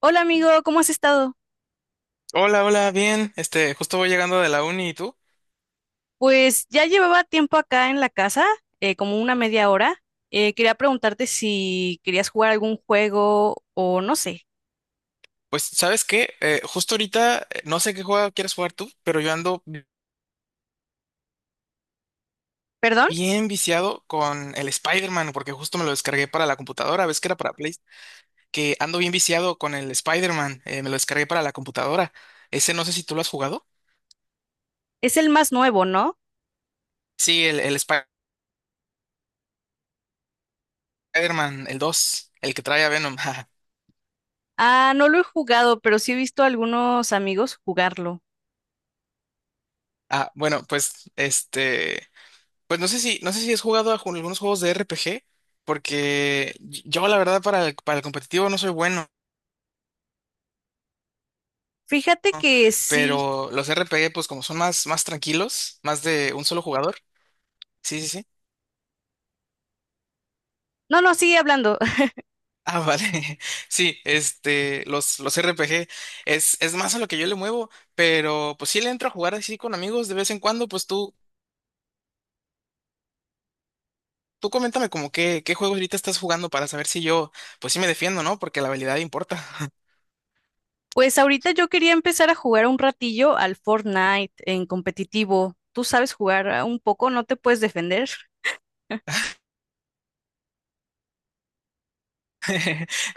Hola amigo, ¿cómo has estado? Hola, hola, bien. Justo voy llegando de la uni y tú. Pues ya llevaba tiempo acá en la casa, como una media hora. Quería preguntarte si querías jugar algún juego o no sé. Pues, ¿sabes qué? Justo ahorita, no sé qué juego quieres jugar tú, pero yo ando ¿Perdón? bien viciado con el Spider-Man, porque justo me lo descargué para la computadora. ¿Ves que era para Play? Que ando bien viciado con el Spider-Man. Me lo descargué para la computadora. Ese no sé si tú lo has jugado. Es el más nuevo, ¿no? Sí, el Spider-Man, el 2, el que trae a Venom. jaja. Ah, no lo he jugado, pero sí he visto a algunos amigos jugarlo. Ah, bueno, pues, Pues no sé si, no sé si has jugado a algunos juegos de RPG, porque yo la verdad para para el competitivo no soy bueno, Fíjate que sí. pero los RPG pues como son más, más tranquilos, más de un solo jugador. Sí, sí, sí. No, no, sigue hablando. Ah, vale. Sí, los RPG es más a lo que yo le muevo, pero pues sí le entro a jugar así con amigos de vez en cuando, pues tú coméntame como qué juego ahorita estás jugando para saber si yo, pues sí me defiendo, ¿no? Porque la habilidad importa. Pues ahorita yo quería empezar a jugar un ratillo al Fortnite en competitivo. ¿Tú sabes jugar un poco? ¿No te puedes defender?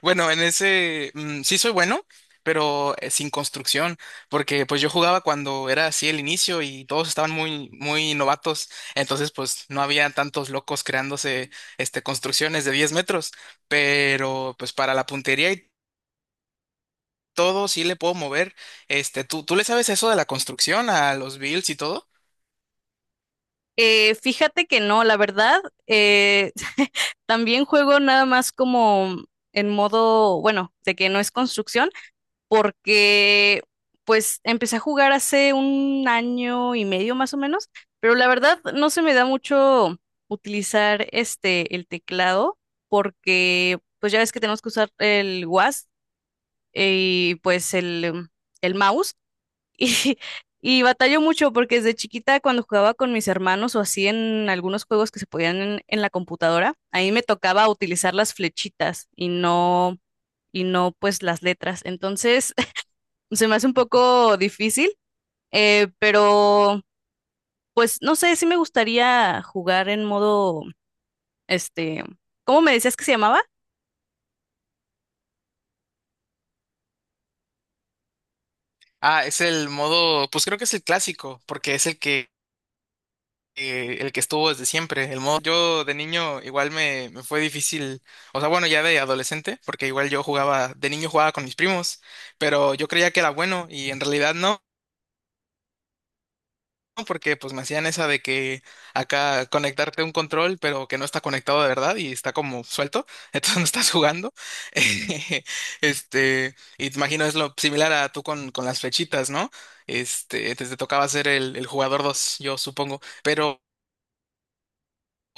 Bueno, en ese mm, sí soy bueno, pero sin construcción, porque pues yo jugaba cuando era así el inicio y todos estaban muy muy novatos, entonces pues no había tantos locos creándose construcciones de 10 metros, pero pues para la puntería y todo sí le puedo mover. Tú le sabes eso de la construcción a los builds y todo? Fíjate que no, la verdad, eh, también juego nada más como en modo, bueno, de que no es construcción, porque pues empecé a jugar hace un año y medio más o menos, pero la verdad no se me da mucho utilizar el teclado, porque pues ya ves que tenemos que usar el WASD y pues el mouse. Y, y batallo mucho porque desde chiquita cuando jugaba con mis hermanos o así en algunos juegos que se podían en la computadora, ahí me tocaba utilizar las flechitas y no pues las letras. Entonces se me hace un poco difícil, pero pues no sé, sí me gustaría jugar en modo, este, ¿cómo me decías que se llamaba? Ah, es el modo, pues creo que es el clásico, porque es el que estuvo desde siempre. El modo, yo de niño igual me fue difícil, o sea, bueno, ya de adolescente, porque igual yo jugaba, de niño jugaba con mis primos, pero yo creía que era bueno y en realidad no. Porque pues me hacían esa de que acá conectarte a un control, pero que no está conectado de verdad y está como suelto, entonces no estás jugando. Y te imagino es lo similar a tú con las flechitas, ¿no? Te tocaba ser el jugador 2 yo supongo. Pero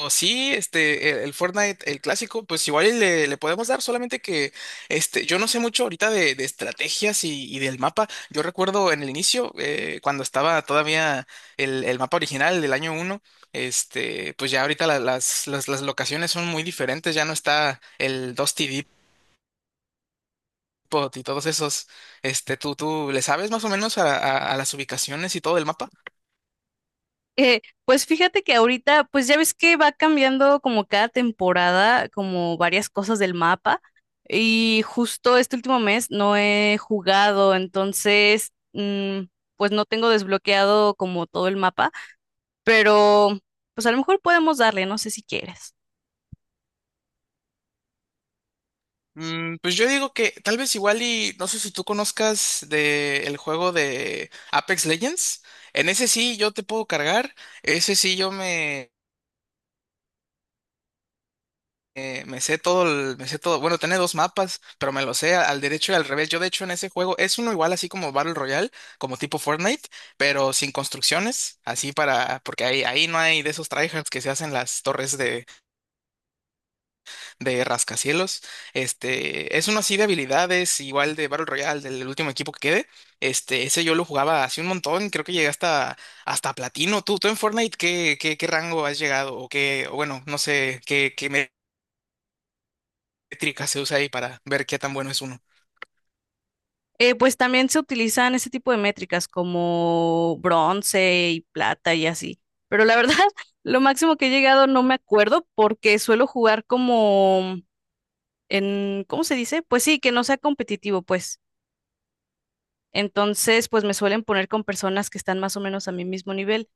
o sí, el Fortnite, el clásico, pues igual y le podemos dar, solamente que yo no sé mucho ahorita de estrategias y del mapa. Yo recuerdo en el inicio, cuando estaba todavía el mapa original del año 1, pues ya ahorita las locaciones son muy diferentes, ya no está el Dusty Depot y todos esos. Tú le sabes más o menos a, a las ubicaciones y todo el mapa? Pues fíjate que ahorita, pues ya ves que va cambiando como cada temporada, como varias cosas del mapa. Y justo este último mes no he jugado, entonces, pues no tengo desbloqueado como todo el mapa, pero pues a lo mejor podemos darle, no sé si quieres. Mm, pues yo digo que tal vez igual y no sé si tú conozcas de el juego de Apex Legends. En ese sí yo te puedo cargar. Ese sí yo me, me sé todo. Bueno, tiene dos mapas, pero me lo sé al derecho y al revés. Yo de hecho en ese juego es uno igual así como Battle Royale, como tipo Fortnite, pero sin construcciones, así para, porque ahí, ahí no hay de esos tryhards que se hacen las torres de Rascacielos. Es uno así de habilidades, igual de Battle Royale, del último equipo que quede. Ese yo lo jugaba hace un montón, creo que llegué hasta, hasta platino. Tú en Fortnite qué rango has llegado? O bueno, no sé qué métrica se usa ahí para ver qué tan bueno es uno. Pues también se utilizan ese tipo de métricas como bronce y plata y así. Pero la verdad, lo máximo que he llegado no me acuerdo porque suelo jugar como en, ¿cómo se dice? Pues sí, que no sea competitivo, pues. Entonces, pues me suelen poner con personas que están más o menos a mi mismo nivel.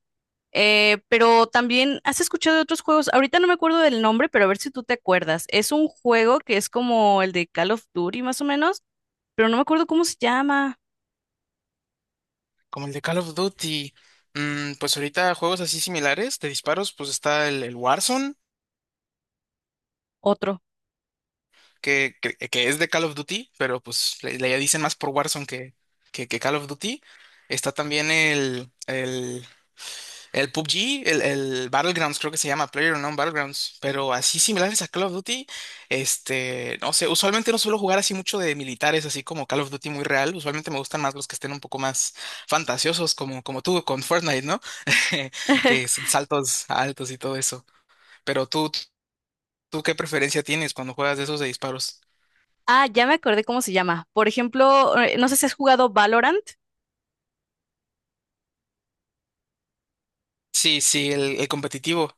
Pero también, ¿has escuchado de otros juegos? Ahorita no me acuerdo del nombre, pero a ver si tú te acuerdas. Es un juego que es como el de Call of Duty, más o menos, pero no me acuerdo cómo se llama. Como el de Call of Duty. Mm, pues ahorita juegos así similares de disparos, pues está el Warzone. Otro. Que que es de Call of Duty, pero pues le dicen más por Warzone que Call of Duty. Está también el PUBG, el Battlegrounds, creo que se llama PlayerUnknown's Battlegrounds, pero así similares a Call of Duty, no sé, usualmente no suelo jugar así mucho de militares, así como Call of Duty muy real, usualmente me gustan más los que estén un poco más fantasiosos, como, como tú con Fortnite, ¿no? Que son saltos altos y todo eso. Pero ¿tú qué preferencia tienes cuando juegas de esos de disparos? Ah, ya me acordé cómo se llama. Por ejemplo, no sé si has jugado Valorant. Sí, sí, el competitivo.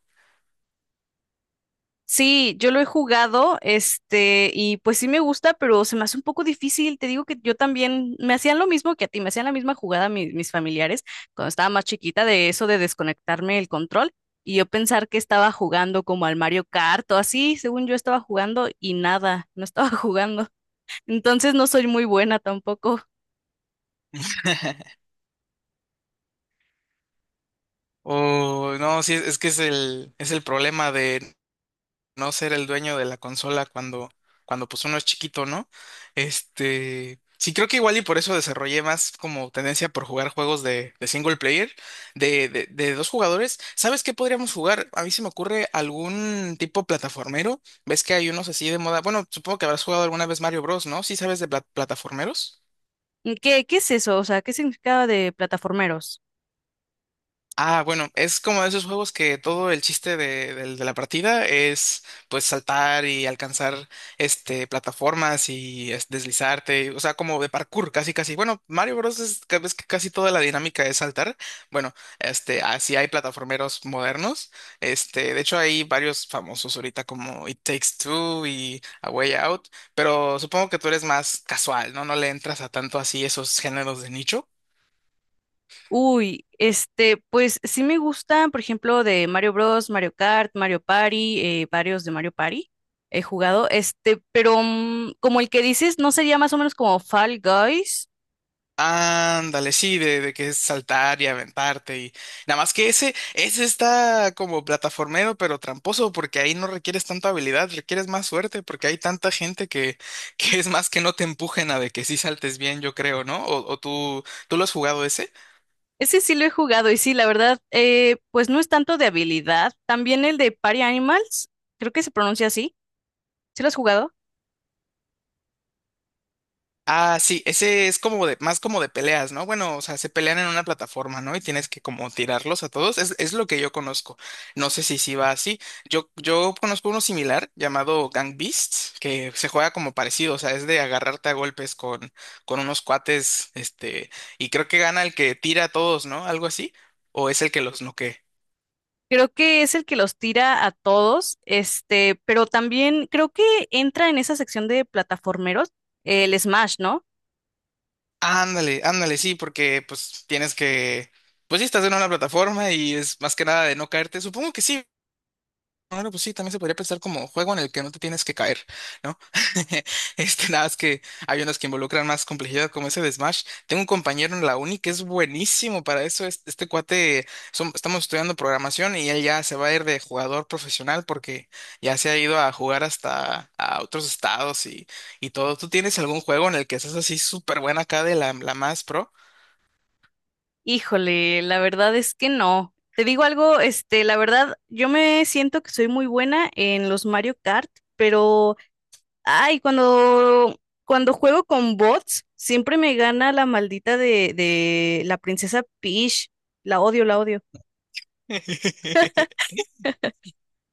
Sí, yo lo he jugado, y pues sí me gusta, pero se me hace un poco difícil. Te digo que yo también me hacían lo mismo que a ti, me hacían la misma jugada mis familiares cuando estaba más chiquita de eso de desconectarme el control y yo pensar que estaba jugando como al Mario Kart o así, según yo estaba jugando y nada, no estaba jugando. Entonces no soy muy buena tampoco. O no, sí, es que es es el problema de no ser el dueño de la consola cuando, cuando pues uno es chiquito, ¿no? Sí, creo que igual y por eso desarrollé más como tendencia por jugar juegos de single player, de dos jugadores. ¿Sabes qué podríamos jugar? A mí se me ocurre algún tipo plataformero. ¿Ves que hay unos así de moda? Bueno, supongo que habrás jugado alguna vez Mario Bros, ¿no? Sí, sabes de plataformeros. ¿Qué, qué es eso? O sea, ¿qué significaba de plataformeros? Ah, bueno, es como de esos juegos que todo el chiste de la partida es pues saltar y alcanzar plataformas y deslizarte, o sea, como de parkour, casi casi. Bueno, Mario Bros. Es ves que casi toda la dinámica es saltar. Bueno, así hay plataformeros modernos. De hecho hay varios famosos ahorita como It Takes Two y A Way Out, pero supongo que tú eres más casual, ¿no? No le entras a tanto así esos géneros de nicho. Uy, pues sí me gustan, por ejemplo, de Mario Bros, Mario Kart, Mario Party, varios de Mario Party he jugado, pero como el que dices, ¿no sería más o menos como Fall Guys? Ándale, sí, de que es saltar y aventarte y nada más que ese está como plataformero pero tramposo porque ahí no requieres tanta habilidad, requieres más suerte porque hay tanta gente que, que es más que no te empujen a de que sí saltes bien, yo creo, ¿no? O tú, ¿tú lo has jugado ese? Ese sí lo he jugado y sí, la verdad, pues no es tanto de habilidad. También el de Party Animals, creo que se pronuncia así, ¿sí lo has jugado? Ah, sí, ese es como de, más como de peleas, ¿no? Bueno, o sea, se pelean en una plataforma, ¿no? Y tienes que como tirarlos a todos. Es lo que yo conozco. No sé si sí va así. Yo conozco uno similar llamado Gang Beasts, que se juega como parecido, o sea, es de agarrarte a golpes con unos cuates, y creo que gana el que tira a todos, ¿no? Algo así. O es el que los noquea. Creo que es el que los tira a todos, pero también creo que entra en esa sección de plataformeros el Smash, ¿no? Ándale, ándale, sí, porque pues tienes que. Pues sí, estás en una plataforma y es más que nada de no caerte. Supongo que sí. Bueno, pues sí, también se podría pensar como juego en el que no te tienes que caer, ¿no? Nada más que hay unos que involucran más complejidad, como ese de Smash. Tengo un compañero en la uni que es buenísimo para eso. Cuate, estamos estudiando programación y él ya se va a ir de jugador profesional porque ya se ha ido a jugar hasta a otros estados y todo. ¿Tú tienes algún juego en el que seas así súper buena acá de la más pro? Híjole, la verdad es que no. Te digo algo, la verdad, yo me siento que soy muy buena en los Mario Kart, pero, ay, cuando, cuando juego con bots, siempre me gana la maldita de la princesa Peach. La odio, la odio.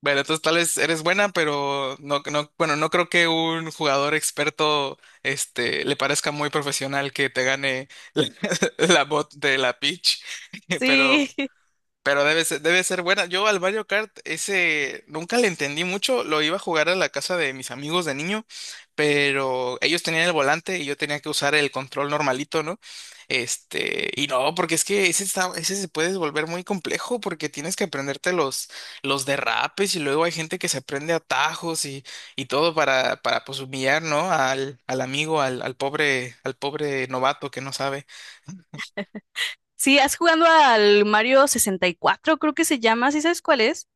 Bueno, entonces tal vez eres buena, pero no, no, bueno, no creo que un jugador experto, le parezca muy profesional que te gane la, la bot de la pitch. Sí, Pero pero debe ser buena. Yo al Mario Kart ese nunca le entendí mucho. Lo iba a jugar a la casa de mis amigos de niño, pero ellos tenían el volante y yo tenía que usar el control normalito, ¿no? Y no, porque es que ese está, ese se puede volver muy complejo porque tienes que aprenderte los derrapes y luego hay gente que se aprende atajos y todo para pues humillar, ¿no? Al amigo, al pobre novato que no sabe. sí, ¿has jugando al Mario 64? Creo que se llama, ¿sí sabes cuál es?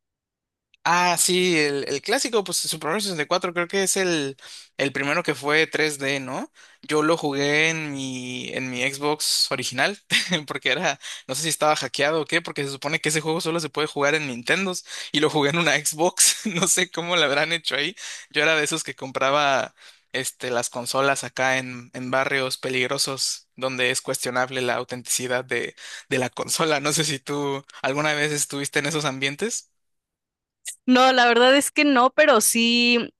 Ah, sí, el clásico, pues Super Mario 64 creo que es el primero que fue 3D, ¿no? Yo lo jugué en mi Xbox original, porque era, no sé si estaba hackeado o qué, porque se supone que ese juego solo se puede jugar en Nintendos, y lo jugué en una Xbox, no sé cómo lo habrán hecho ahí. Yo era de esos que compraba las consolas acá en barrios peligrosos, donde es cuestionable la autenticidad de la consola. No sé si tú alguna vez estuviste en esos ambientes. No, la verdad es que no, pero sí.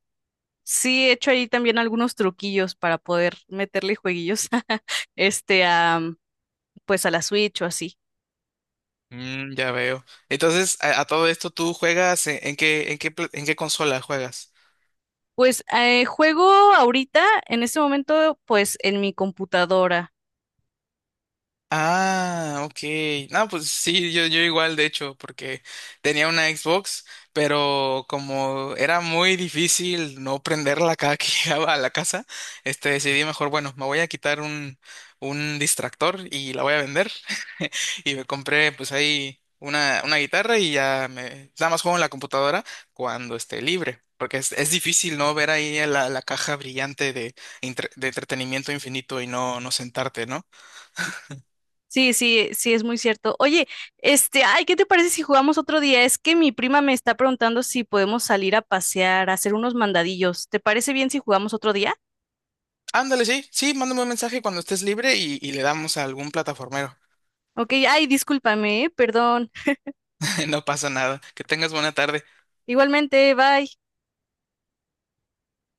Sí, he hecho ahí también algunos truquillos para poder meterle jueguillos este a pues a la Switch o así. Mm, ya veo. Entonces, a todo esto, ¿tú juegas en qué, en qué, en qué consola juegas? Pues juego ahorita, en este momento, pues en mi computadora. Ah, ok. No, pues sí, yo igual, de hecho, porque tenía una Xbox, pero como era muy difícil no prenderla cada que llegaba a la casa, decidí mejor, bueno, me voy a quitar un distractor y la voy a vender. Y me compré pues ahí una guitarra y ya me nada más juego en la computadora cuando esté libre. Porque es difícil, ¿no? Ver ahí la caja brillante de entretenimiento infinito y no, no sentarte, ¿no? Sí, sí, sí, es muy cierto. Oye, ay, ¿qué te parece si jugamos otro día? Es que mi prima me está preguntando si podemos salir a pasear, a hacer unos mandadillos. ¿Te parece bien si jugamos otro día? Ándale, sí, sí, mándame un mensaje cuando estés libre y le damos a algún plataformero. Ok, ay, discúlpame, perdón. No pasa nada. Que tengas buena tarde. Igualmente, bye.